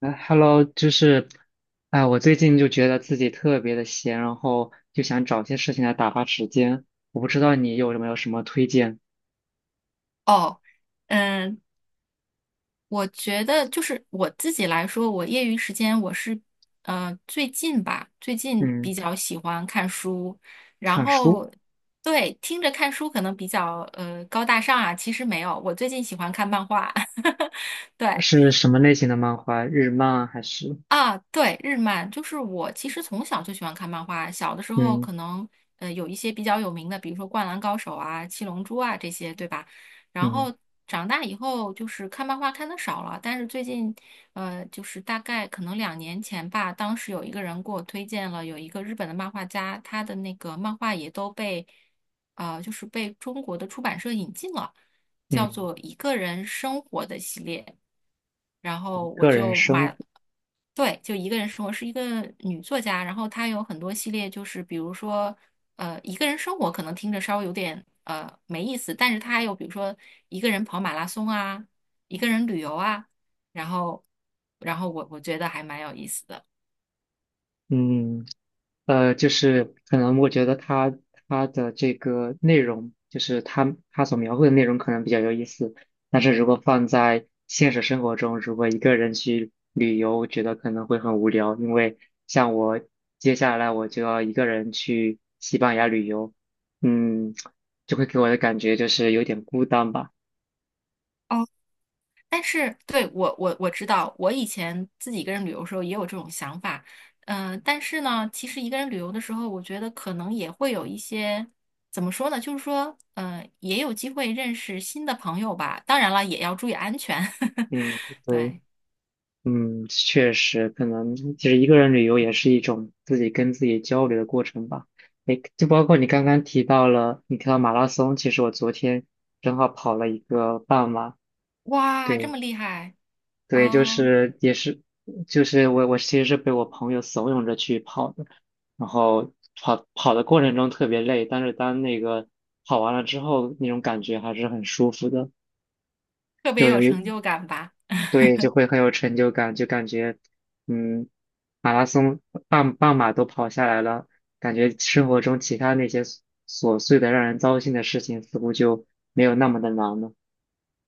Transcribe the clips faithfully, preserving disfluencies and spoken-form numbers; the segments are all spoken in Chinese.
哎，Hello，就是，哎，我最近就觉得自己特别的闲，然后就想找些事情来打发时间。我不知道你有没有什么推荐？哦，嗯，我觉得就是我自己来说，我业余时间我是，呃，最近吧，最近嗯，比较喜欢看书，然看书。后对，听着看书可能比较呃高大上啊，其实没有，我最近喜欢看漫画。对，是什么类型的漫画？日漫还是？啊，对，日漫就是我其实从小就喜欢看漫画，小的时候嗯可能呃有一些比较有名的，比如说《灌篮高手》啊、《七龙珠》啊这些，对吧？然嗯后长大以后就是看漫画看的少了，但是最近呃就是大概可能两年前吧，当时有一个人给我推荐了有一个日本的漫画家，他的那个漫画也都被呃就是被中国的出版社引进了。叫嗯，做《一个人生活》的系列，然后我个人就生买活？了。对，就一个人生活是一个女作家，然后她有很多系列，就是比如说，呃，一个人生活可能听着稍微有点呃没意思，但是她还有比如说一个人跑马拉松啊，一个人旅游啊，然后，然后我我觉得还蛮有意思的。嗯。嗯。呃，就是可能我觉得他他的这个内容，就是他他所描绘的内容可能比较有意思，但是如果放在现实生活中，如果一个人去旅游，我觉得可能会很无聊，因为像我，接下来我就要一个人去西班牙旅游，嗯，就会给我的感觉就是有点孤单吧。哦。但是对我我我知道，我以前自己一个人旅游的时候也有这种想法。嗯、但是呢，其实一个人旅游的时候，我觉得可能也会有一些怎么说呢，就是说，嗯，也有机会认识新的朋友吧，当然了，也要注意安全。嗯。对，对，嗯，确实，可能其实一个人旅游也是一种自己跟自己交流的过程吧。诶，就包括你刚刚提到了，你提到马拉松，其实我昨天正好跑了一个半马。哇，这对，么厉害。对，就哦，是也是，就是我我其实是被我朋友怂恿着去跑的，然后跑跑的过程中特别累，但是当那个跑完了之后，那种感觉还是很舒服的，特别就有有一成就感吧？对，就会很有成就感，就感觉，嗯，马拉松半半马都跑下来了，感觉生活中其他那些琐琐碎的让人糟心的事情似乎就没有那么的难了。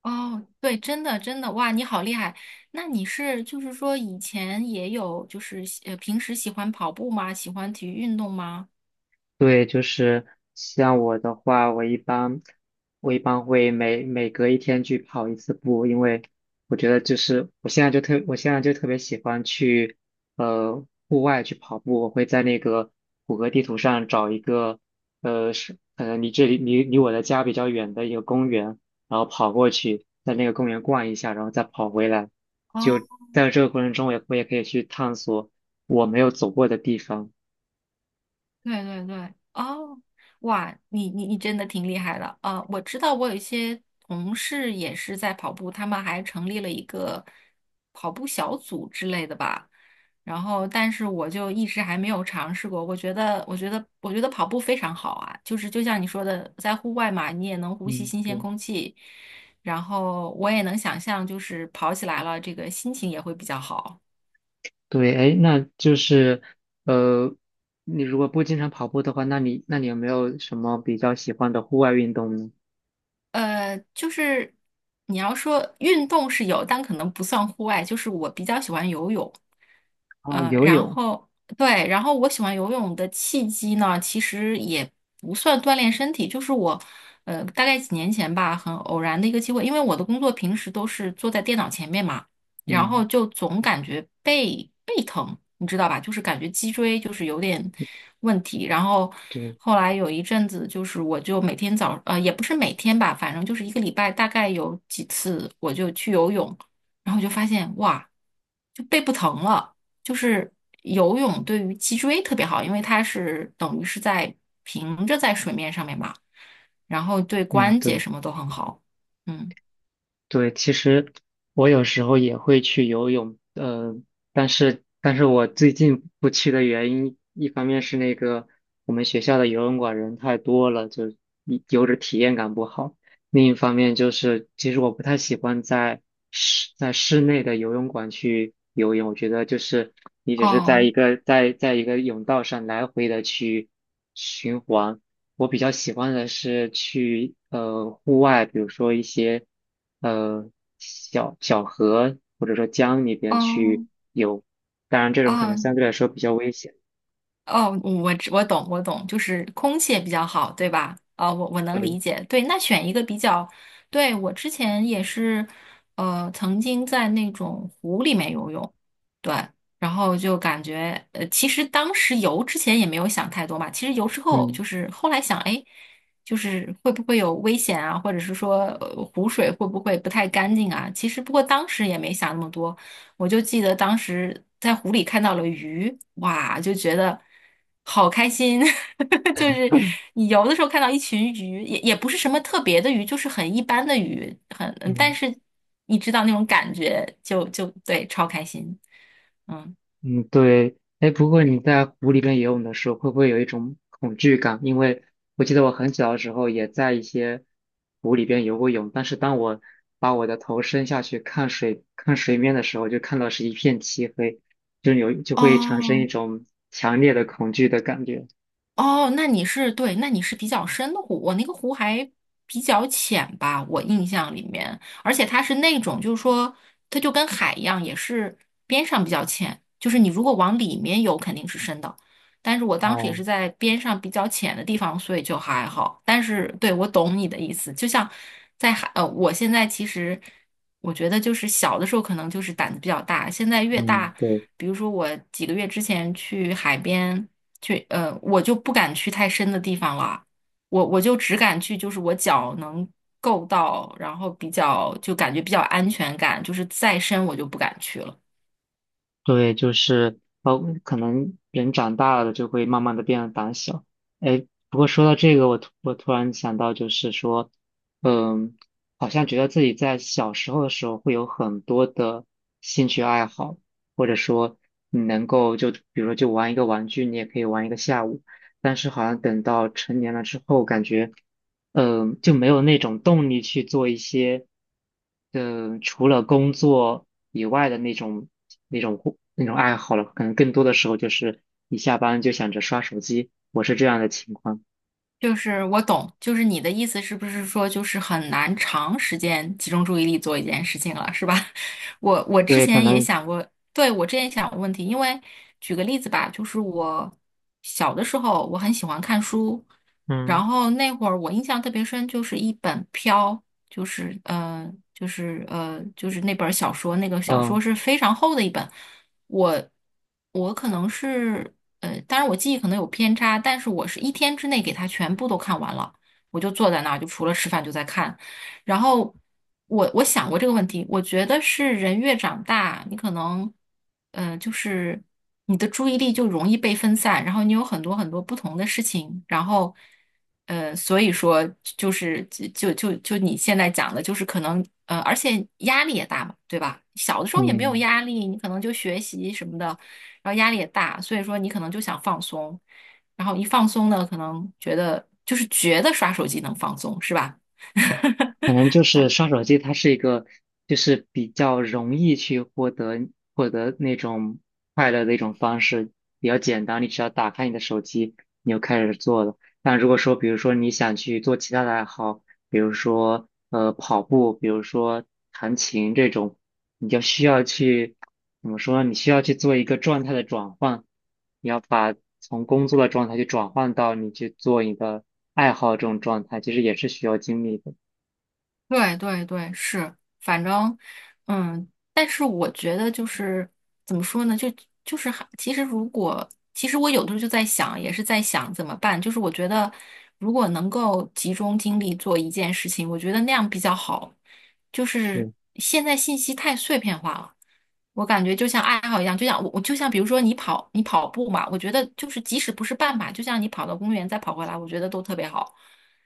哦，对，真的真的，哇，你好厉害！那你是就是说以前也有就是呃平时喜欢跑步吗？喜欢体育运动吗？对，就是像我的话，我一般我一般会每每隔一天去跑一次步，因为我觉得就是我现在就特我现在就特别喜欢去呃户外去跑步，我会在那个谷歌地图上找一个呃是呃离这里离离我的家比较远的一个公园，然后跑过去，在那个公园逛一下，然后再跑回来，就哦，在这个过程中我也我也可以去探索我没有走过的地方。对对对，哦，哇，你你你真的挺厉害的。啊！我知道我有一些同事也是在跑步，他们还成立了一个跑步小组之类的吧。然后，但是我就一直还没有尝试过。我觉得，我觉得，我觉得跑步非常好啊，就是就像你说的，在户外嘛，你也能呼吸嗯，新鲜对。空气，然后我也能想象，就是跑起来了，这个心情也会比较好。对，哎，那就是，呃，你如果不经常跑步的话，那你那你有没有什么比较喜欢的户外运动呢？呃，就是你要说运动是有，但可能不算户外。就是我比较喜欢游泳，啊，呃，游然泳。后对，然后我喜欢游泳的契机呢，其实也不算锻炼身体，就是我，呃，大概几年前吧，很偶然的一个机会，因为我的工作平时都是坐在电脑前面嘛。然后嗯，就总感觉背背疼，你知道吧？就是感觉脊椎就是有点问题。然后对。后来有一阵子，就是我就每天早，呃，也不是每天吧，反正就是一个礼拜大概有几次，我就去游泳，然后就发现哇，就背不疼了。就是游泳对于脊椎特别好，因为它是等于是在平着在水面上面嘛，然后对嗯，关节对。什么都很好。嗯，对，其实我有时候也会去游泳。呃，但是但是我最近不去的原因，一方面是那个我们学校的游泳馆人太多了，就一游着体验感不好；另一方面就是，其实我不太喜欢在室在室内的游泳馆去游泳，我觉得就是你只是在一哦个在在一个泳道上来回的去循环。我比较喜欢的是去呃户外，比如说一些呃小小河或者说江里边哦去游，当然这种可能哦，相对来说比较危险。哦，我知我懂，我懂，就是空气也比较好，对吧？啊、我我能对，理解。对，那选一个比较，对，我之前也是，呃，曾经在那种湖里面游泳。对，然后就感觉，呃，其实当时游之前也没有想太多嘛，其实游之后嗯。就是后来想，哎，就是会不会有危险啊，或者是说，呃湖水会不会不太干净啊？其实不过当时也没想那么多。我就记得当时在湖里看到了鱼，哇，就觉得好开心。就是你游的时候看到一群鱼，也也不是什么特别的鱼，就是很一般的鱼，很，嗯但是你知道那种感觉就，就，对，超开心。嗯，嗯，对，哎，不过你在湖里边游泳的时候，会不会有一种恐惧感？因为我记得我很小的时候也在一些湖里边游过泳，但是当我把我的头伸下去看水看水面的时候，就看到是一片漆黑，就有就会产生一哦，种强烈的恐惧的感觉。哦，那你是对，那你是比较深的湖，我那个湖还比较浅吧，我印象里面，而且它是那种，就是说，它就跟海一样，也是边上比较浅，就是你如果往里面游肯定是深的，但是我当时也哦，是在边上比较浅的地方，所以就还好。但是对，我懂你的意思，就像在海，呃，我现在其实我觉得就是小的时候可能就是胆子比较大，现在越大。嗯，对，比如说我几个月之前去海边，去，呃，我就不敢去太深的地方了，我我就只敢去，就是我脚能够到，然后比较就感觉比较安全感，就是再深我就不敢去了。对，就是包括可能人长大了就会慢慢的变得胆小。哎，不过说到这个，我突我突然想到，就是说，嗯，好像觉得自己在小时候的时候会有很多的兴趣爱好，或者说你能够就比如说就玩一个玩具，你也可以玩一个下午。但是好像等到成年了之后，感觉。嗯、就没有那种动力去做一些，嗯、除了工作以外的那种那种活那种爱好了。可能更多的时候就是一下班就想着刷手机，我是这样的情况。就是我懂，就是你的意思是不是说就是很难长时间集中注意力做一件事情了，是吧？我我所之以可前也能，想过，对，我之前也想过问题，因为举个例子吧，就是我小的时候我很喜欢看书，嗯然后那会儿我印象特别深，就是一本《飘》。就是呃，就是呃，就是那本儿小说，那个小说嗯是非常厚的一本。我我可能是呃，当然我记忆可能有偏差，但是我是一天之内给它全部都看完了。我就坐在那儿，就除了吃饭就在看，然后我我想过这个问题，我觉得是人越长大，你可能，呃，就是你的注意力就容易被分散，然后你有很多很多不同的事情，然后，呃，所以说就是就就就你现在讲的，就是可能，呃，而且压力也大嘛，对吧？小的时候也没有嗯。压力，你可能就学习什么的，然后压力也大，所以说你可能就想放松，然后一放松呢，可能觉得就是觉得刷手机能放松，是吧？可 能就是刷手机，它是一个就是比较容易去获得获得那种快乐的一种方式，比较简单。你只要打开你的手机，你就开始做了。但如果说，比如说你想去做其他的爱好，比如说呃跑步，比如说弹琴这种，你就需要去，怎么说呢？你需要去做一个状态的转换，你要把从工作的状态去转换到你去做你的爱好这种状态，其实也是需要精力的。对对对，是，反正，嗯，但是我觉得就是怎么说呢，就就是还其实如果其实我有的时候就在想，也是在想怎么办。就是我觉得如果能够集中精力做一件事情，我觉得那样比较好。就是是。现在信息太碎片化了，我感觉就像爱好一样，就像我我就像比如说你跑你跑步嘛，我觉得就是即使不是半马，就像你跑到公园再跑回来，我觉得都特别好。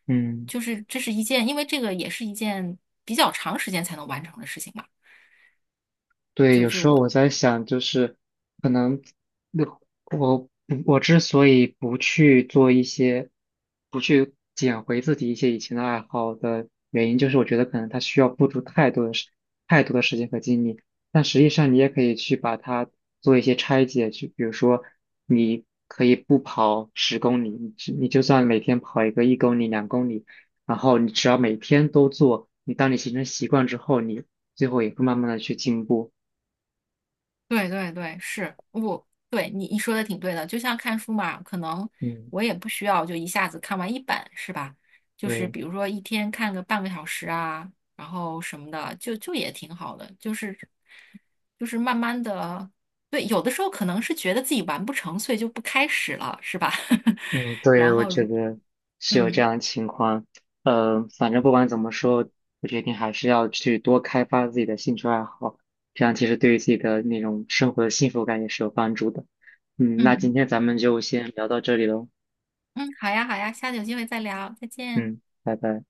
嗯，就是这是一件，因为这个也是一件比较长时间才能完成的事情嘛。对，有时候我在想，就是可能，那我嗯我之所以不去做一些，不去捡回自己一些以前的爱好的原因，就是我觉得可能它需要付出太多的时太多的时间和精力。但实际上，你也可以去把它做一些拆解，就比如说，你可以不跑十公里，你只你就算每天跑一个一公里、两公里，然后你只要每天都做，你当你形成习惯之后，你最后也会慢慢的去进步。对对对，是我对你你说的挺对的，就像看书嘛，可能嗯，我也不需要就一下子看完一本，是吧？就是对，比如说一天看个半个小时啊，然后什么的，就就也挺好的，就是就是慢慢的，对，有的时候可能是觉得自己完不成，所以就不开始了，是吧？嗯，对，然我后觉如得是有这嗯样的情况。呃，反正不管怎么说，我决定还是要去多开发自己的兴趣爱好，这样其实对于自己的那种生活的幸福感也是有帮助的。嗯，那今嗯天咱们就先聊到这里喽。嗯，好呀好呀，下次有机会再聊，再见。嗯，拜拜。